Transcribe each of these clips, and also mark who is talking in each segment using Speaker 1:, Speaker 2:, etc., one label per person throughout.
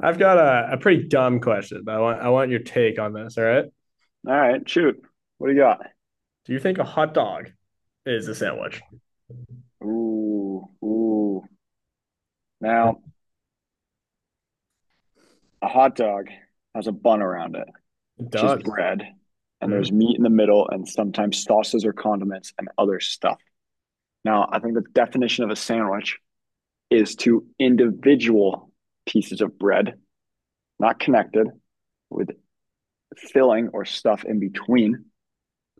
Speaker 1: I've got a pretty dumb question, but I want your take on this. All right.
Speaker 2: All right, shoot. What do you got?
Speaker 1: Do you think a hot dog is a sandwich?
Speaker 2: Ooh, ooh.
Speaker 1: It
Speaker 2: Now, a hot dog has a bun around it, which is
Speaker 1: does.
Speaker 2: bread, and
Speaker 1: Mm-hmm.
Speaker 2: there's meat in the middle and sometimes sauces or condiments and other stuff. Now, I think the definition of a sandwich is two individual pieces of bread, not connected, with filling or stuff in between.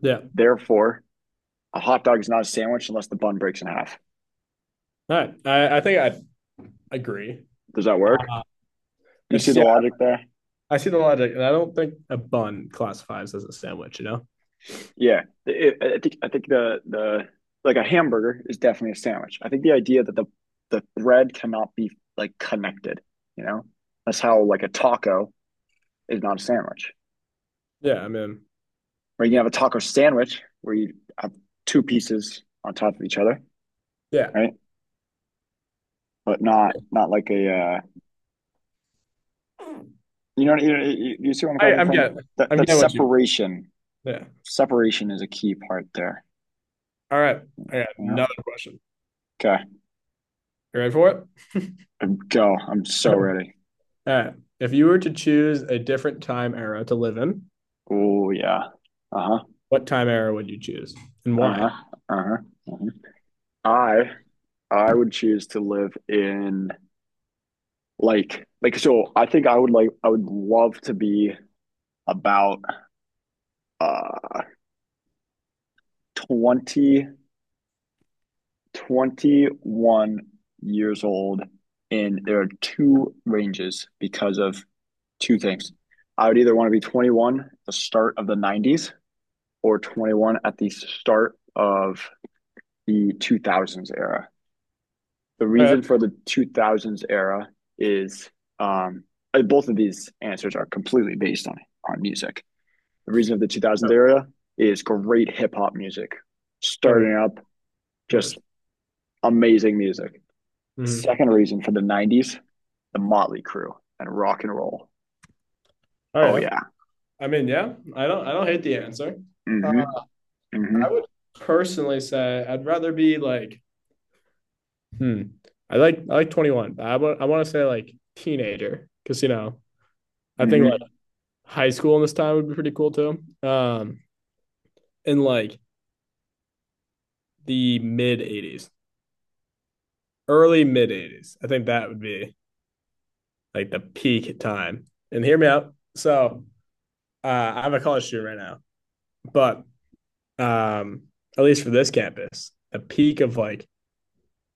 Speaker 1: Yeah.
Speaker 2: Therefore, a hot dog is not a sandwich unless the bun breaks in half.
Speaker 1: All right. I think I agree.
Speaker 2: Does that work?
Speaker 1: Uh,
Speaker 2: Do you see
Speaker 1: It's
Speaker 2: the
Speaker 1: yeah,
Speaker 2: logic there?
Speaker 1: I see the logic, and I don't think a bun classifies as a sandwich, you know?
Speaker 2: Yeah, I think I think the like a hamburger is definitely a sandwich. I think the idea that the bread cannot be like connected, you know, that's how like a taco is not a sandwich.
Speaker 1: Yeah, I mean,
Speaker 2: Or you can have a taco sandwich where you have two pieces on top of each other,
Speaker 1: yeah.
Speaker 2: right? But not like a you see where I'm
Speaker 1: I,
Speaker 2: coming
Speaker 1: I'm
Speaker 2: from?
Speaker 1: getting
Speaker 2: That
Speaker 1: I'm
Speaker 2: that
Speaker 1: getting what you
Speaker 2: separation
Speaker 1: yeah.
Speaker 2: separation is a key part there.
Speaker 1: All right. I got
Speaker 2: You know?
Speaker 1: another question.
Speaker 2: Okay,
Speaker 1: You ready for it?
Speaker 2: go. I'm so
Speaker 1: All
Speaker 2: ready.
Speaker 1: right. If you were to choose a different time era to live in,
Speaker 2: Oh yeah. Uh huh.
Speaker 1: what time era would you choose and why?
Speaker 2: Uh-huh. Uh-huh. Uh-huh. I I would choose to live in so I think I would love to be about uh 20, 21 years old, and there are two ranges because of two things. I would either want to be 21 at the start of the 90s or 21 at the start of the 2000s era. The
Speaker 1: All right.
Speaker 2: reason for the 2000s era is um, both of these answers are completely based on music. The reason of the 2000s
Speaker 1: Yeah.
Speaker 2: era is great hip hop music,
Speaker 1: That,
Speaker 2: starting up
Speaker 1: that.
Speaker 2: just amazing music.
Speaker 1: Mhm.
Speaker 2: Second reason for the 90s, the Motley Crew and rock and roll.
Speaker 1: All
Speaker 2: Oh
Speaker 1: right.
Speaker 2: yeah.
Speaker 1: I mean, yeah, I don't hate the answer. Uh,
Speaker 2: Mhm.
Speaker 1: I
Speaker 2: Mhm.
Speaker 1: would personally say I'd rather be like, hmm, I like 21, but I want to say like teenager, because you know I think like
Speaker 2: Mhm.
Speaker 1: high school in this time would be pretty cool too. In like the mid 80s, early mid 80s, I think that would be like the peak time. And hear me out. So I'm a college student right now, but um, at least for this campus, the peak of like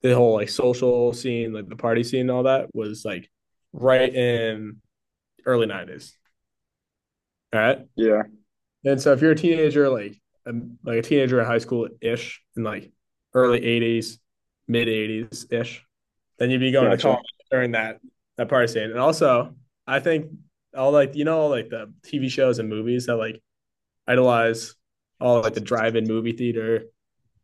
Speaker 1: the whole like social scene, like the party scene, and all that was like right in early '90s. All right,
Speaker 2: Yeah.
Speaker 1: and so if you're a teenager, a, like a teenager in high school ish, in like early '80s, mid '80s ish, then you'd be going to
Speaker 2: Gotcha.
Speaker 1: college during that party state. And also, I think all like you know like the TV shows and movies that like idolize all like the drive-in movie theater.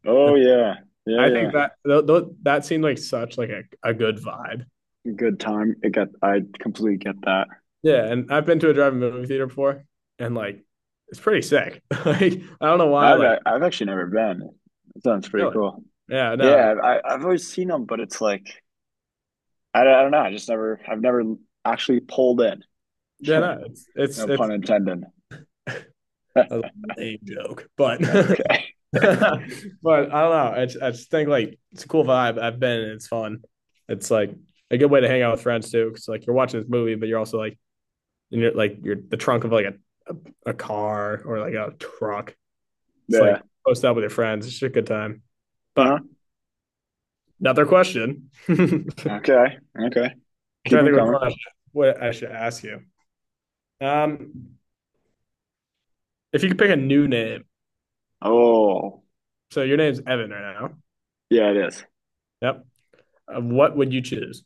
Speaker 2: Oh yeah.
Speaker 1: I
Speaker 2: Yeah,
Speaker 1: think that that seemed like such like a good vibe.
Speaker 2: yeah. Good time. It got. I completely get that.
Speaker 1: Yeah, and I've been to a drive-in movie theater before, and like it's pretty sick. Like I don't know why I,
Speaker 2: I've
Speaker 1: like
Speaker 2: I've actually never been. It sounds pretty
Speaker 1: really.
Speaker 2: cool.
Speaker 1: Yeah, no,
Speaker 2: Yeah, I've always seen them, but it's like I don't know. I've never actually pulled in.
Speaker 1: yeah, no. It's it's
Speaker 2: No pun
Speaker 1: it's
Speaker 2: intended.
Speaker 1: a lame joke, but.
Speaker 2: Okay.
Speaker 1: But I don't know. I just think like it's a cool vibe. I've been and it's fun. It's like a good way to hang out with friends too. Cause like you're watching this movie, but you're also like you're the trunk of like a car or like a truck. It's like
Speaker 2: Yeah.
Speaker 1: post up with your friends. It's just a good time.
Speaker 2: Huh?
Speaker 1: But another question. I'm trying
Speaker 2: Okay. Okay. Keep
Speaker 1: to
Speaker 2: them
Speaker 1: think which one I
Speaker 2: coming.
Speaker 1: should, what I should ask you. Um, if you could pick a new name,
Speaker 2: Oh,
Speaker 1: so your name's Evan right now.
Speaker 2: yeah, it is.
Speaker 1: Yep. What would you choose?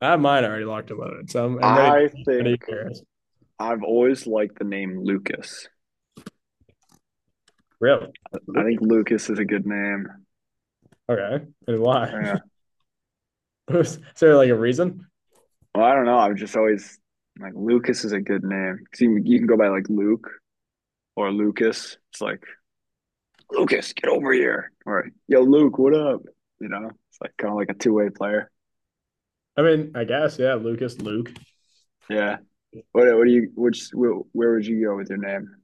Speaker 1: I have mine already locked in. So I'm ready.
Speaker 2: I
Speaker 1: Ready
Speaker 2: think
Speaker 1: for yours.
Speaker 2: I've always liked the name Lucas.
Speaker 1: Really?
Speaker 2: I think
Speaker 1: Lucas.
Speaker 2: Lucas is a good name.
Speaker 1: Okay. And why?
Speaker 2: Yeah.
Speaker 1: Is there like a reason?
Speaker 2: Well, I don't know. I've just always like Lucas is a good name. See, you can go by like Luke or Lucas. It's like Lucas, get over here. Or, yo, Luke, what up? You know, it's like kind of like a two-way player.
Speaker 1: I mean, I guess, yeah, Lucas, Luke.
Speaker 2: Yeah. What do you, which, where would you go with your name?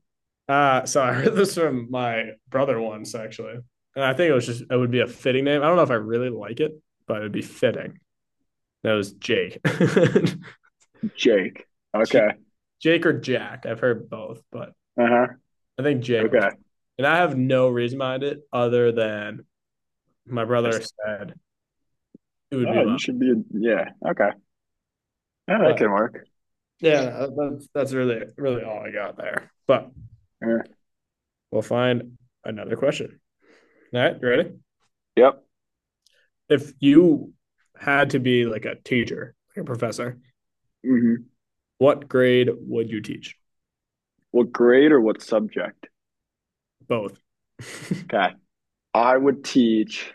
Speaker 1: So I heard this from my brother once, actually. And I think it was just, it would be a fitting name. I don't know if I really like it, but it'd be fitting. That was Jake.
Speaker 2: Jake. Okay.
Speaker 1: Jake or Jack. I've heard both, but
Speaker 2: Uh huh.
Speaker 1: I think Jake
Speaker 2: Okay.
Speaker 1: works. And I have no reason behind it other than my brother
Speaker 2: Just,
Speaker 1: said it would
Speaker 2: oh,
Speaker 1: be
Speaker 2: you
Speaker 1: mine.
Speaker 2: should be, a, yeah. Okay. Yeah, that
Speaker 1: But
Speaker 2: can work.
Speaker 1: yeah, that's really, really all I got there. But
Speaker 2: Yeah.
Speaker 1: we'll find another question. All right, you ready?
Speaker 2: Yep.
Speaker 1: If you had to be like a teacher, like a professor,
Speaker 2: Hmm.
Speaker 1: what grade would you teach?
Speaker 2: What grade or what subject?
Speaker 1: Both.
Speaker 2: Okay. I would teach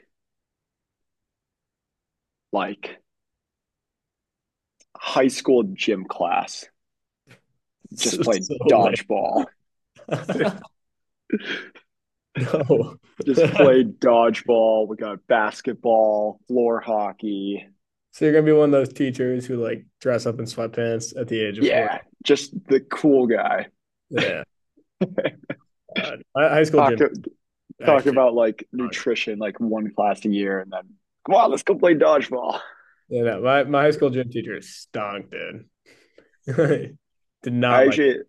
Speaker 2: like high school gym class,
Speaker 1: so,
Speaker 2: just play
Speaker 1: so
Speaker 2: dodgeball,
Speaker 1: lame. No. So
Speaker 2: just play dodgeball. We got basketball, floor hockey.
Speaker 1: you're gonna be one of those teachers who like dress up in sweatpants at the age of 40.
Speaker 2: Yeah, just the cool guy.
Speaker 1: Yeah. My high school
Speaker 2: Talk
Speaker 1: gym
Speaker 2: talk
Speaker 1: actually
Speaker 2: about like
Speaker 1: stunk.
Speaker 2: nutrition, like one class a year, and then come on, let's go play dodgeball.
Speaker 1: Yeah, no, my high school gym teacher stunk, dude. Did
Speaker 2: I
Speaker 1: not like.
Speaker 2: actually,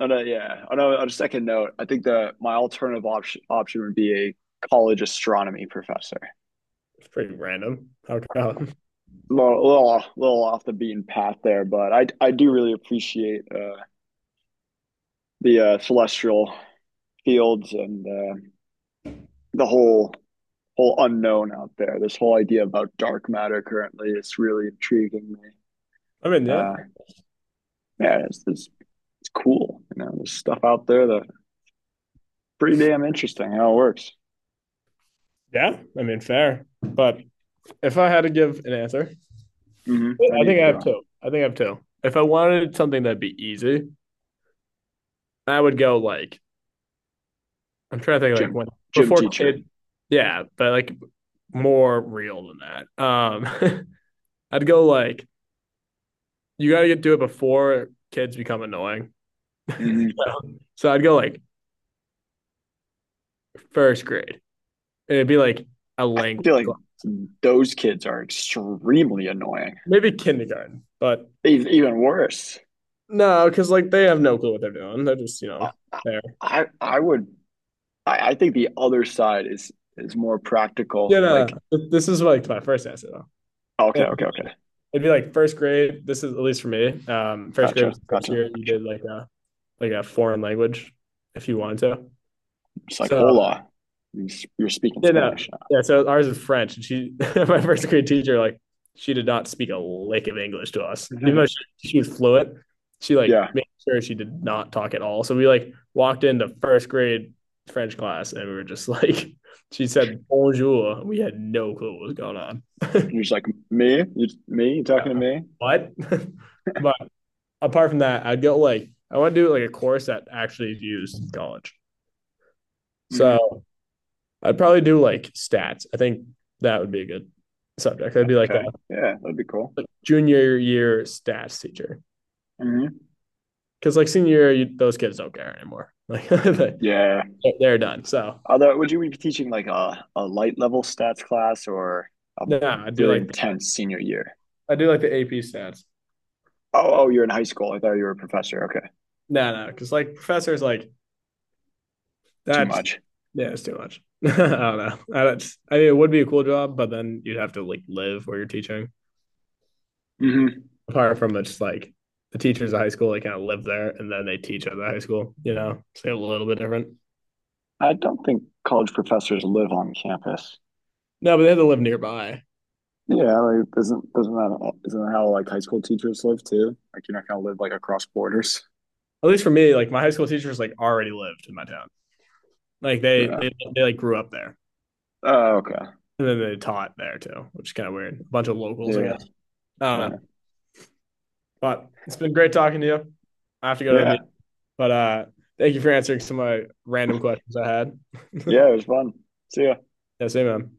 Speaker 2: on a, yeah, on a second note, I think the my alternative option would be a college astronomy professor.
Speaker 1: It's pretty random. How come?
Speaker 2: A little off the beaten path there, but I do really appreciate the celestial fields and the whole unknown out there. This whole idea about dark matter currently is really intriguing me.
Speaker 1: I mean, yeah.
Speaker 2: Uh, yeah, it's cool. You know, there's stuff out there that pretty damn interesting how it works.
Speaker 1: Yeah, I mean, fair. But if I had to give an answer,
Speaker 2: Mm-hmm. How
Speaker 1: I
Speaker 2: do you
Speaker 1: think I have
Speaker 2: feel,
Speaker 1: two. I think I have two. If I wanted something that'd be easy, I would go like I'm trying to think like
Speaker 2: gym
Speaker 1: when
Speaker 2: gym
Speaker 1: before
Speaker 2: teacher?
Speaker 1: kid. Yeah, but like more real than that. I'd go like you gotta do it before kids become annoying.
Speaker 2: Mm-hmm.
Speaker 1: So so I'd go like first grade. And it'd be like a
Speaker 2: I
Speaker 1: language
Speaker 2: feel like
Speaker 1: class,
Speaker 2: those kids are extremely annoying.
Speaker 1: maybe kindergarten, but
Speaker 2: Even worse.
Speaker 1: no, because like they have no clue what they're doing. They're just you know
Speaker 2: I
Speaker 1: they.
Speaker 2: I would I think the other side is more
Speaker 1: Yeah,
Speaker 2: practical. Like
Speaker 1: no, this is like my first essay though.
Speaker 2: okay,
Speaker 1: And
Speaker 2: okay, okay,
Speaker 1: it'd be like first grade. This is at least for me. First grade
Speaker 2: gotcha,
Speaker 1: was the first
Speaker 2: gotcha,
Speaker 1: year you
Speaker 2: gotcha.
Speaker 1: did like a foreign language if you wanted to.
Speaker 2: It's like
Speaker 1: So
Speaker 2: hola. You are speaking
Speaker 1: yeah, no,
Speaker 2: Spanish now.
Speaker 1: yeah. So ours is French, and my first grade teacher, like she did not speak a lick of English to us, even though she was fluent. She like
Speaker 2: Yeah. And
Speaker 1: made sure she did not talk at all. So we like walked into first grade French class, and we were just like, she said bonjour, and we had no clue what was going on.
Speaker 2: you're just like me, you talking to me?
Speaker 1: What? But apart from that, I'd go like I want to do like a course that actually is used in college.
Speaker 2: Hmm.
Speaker 1: So I'd probably do like stats. I think that would be a good subject. I'd be like a
Speaker 2: Okay. Yeah, that'd be cool.
Speaker 1: like, junior year stats teacher,
Speaker 2: Hmm.
Speaker 1: because like senior year, those kids don't care anymore. Like they-
Speaker 2: Yeah.
Speaker 1: are done. So
Speaker 2: Although, would you be teaching like a light level stats class or a
Speaker 1: no, no,
Speaker 2: really intense senior year?
Speaker 1: I do like the AP stats.
Speaker 2: Oh, oh, you're in high school. I thought you were a professor. Okay.
Speaker 1: No, no, because like professors like
Speaker 2: Too
Speaker 1: that's
Speaker 2: much.
Speaker 1: yeah, it's too much. I don't know. I, don't, I mean, it would be a cool job, but then you'd have to like live where you're teaching.
Speaker 2: Hmm.
Speaker 1: Apart from it's like the teachers at high school, they kind of live there and then they teach at the high school, you know, so a little bit different.
Speaker 2: I don't think college professors live on campus.
Speaker 1: No, but they had to live nearby.
Speaker 2: Yeah, like isn't that how like high school teachers live too? Like you're not gonna live like across borders.
Speaker 1: At least for me, like my high school teachers like already lived in my town. Like
Speaker 2: Yeah.
Speaker 1: they like grew up there
Speaker 2: Oh, okay.
Speaker 1: and then they taught there too, which is kind of weird. A bunch of locals, I guess.
Speaker 2: Yeah.
Speaker 1: I don't know,
Speaker 2: Yeah.
Speaker 1: but it's been great talking to you. I have to go to a
Speaker 2: Yeah.
Speaker 1: meeting, but thank you for answering some of my random questions I had.
Speaker 2: Yeah, it was fun. See ya.
Speaker 1: Yes, amen.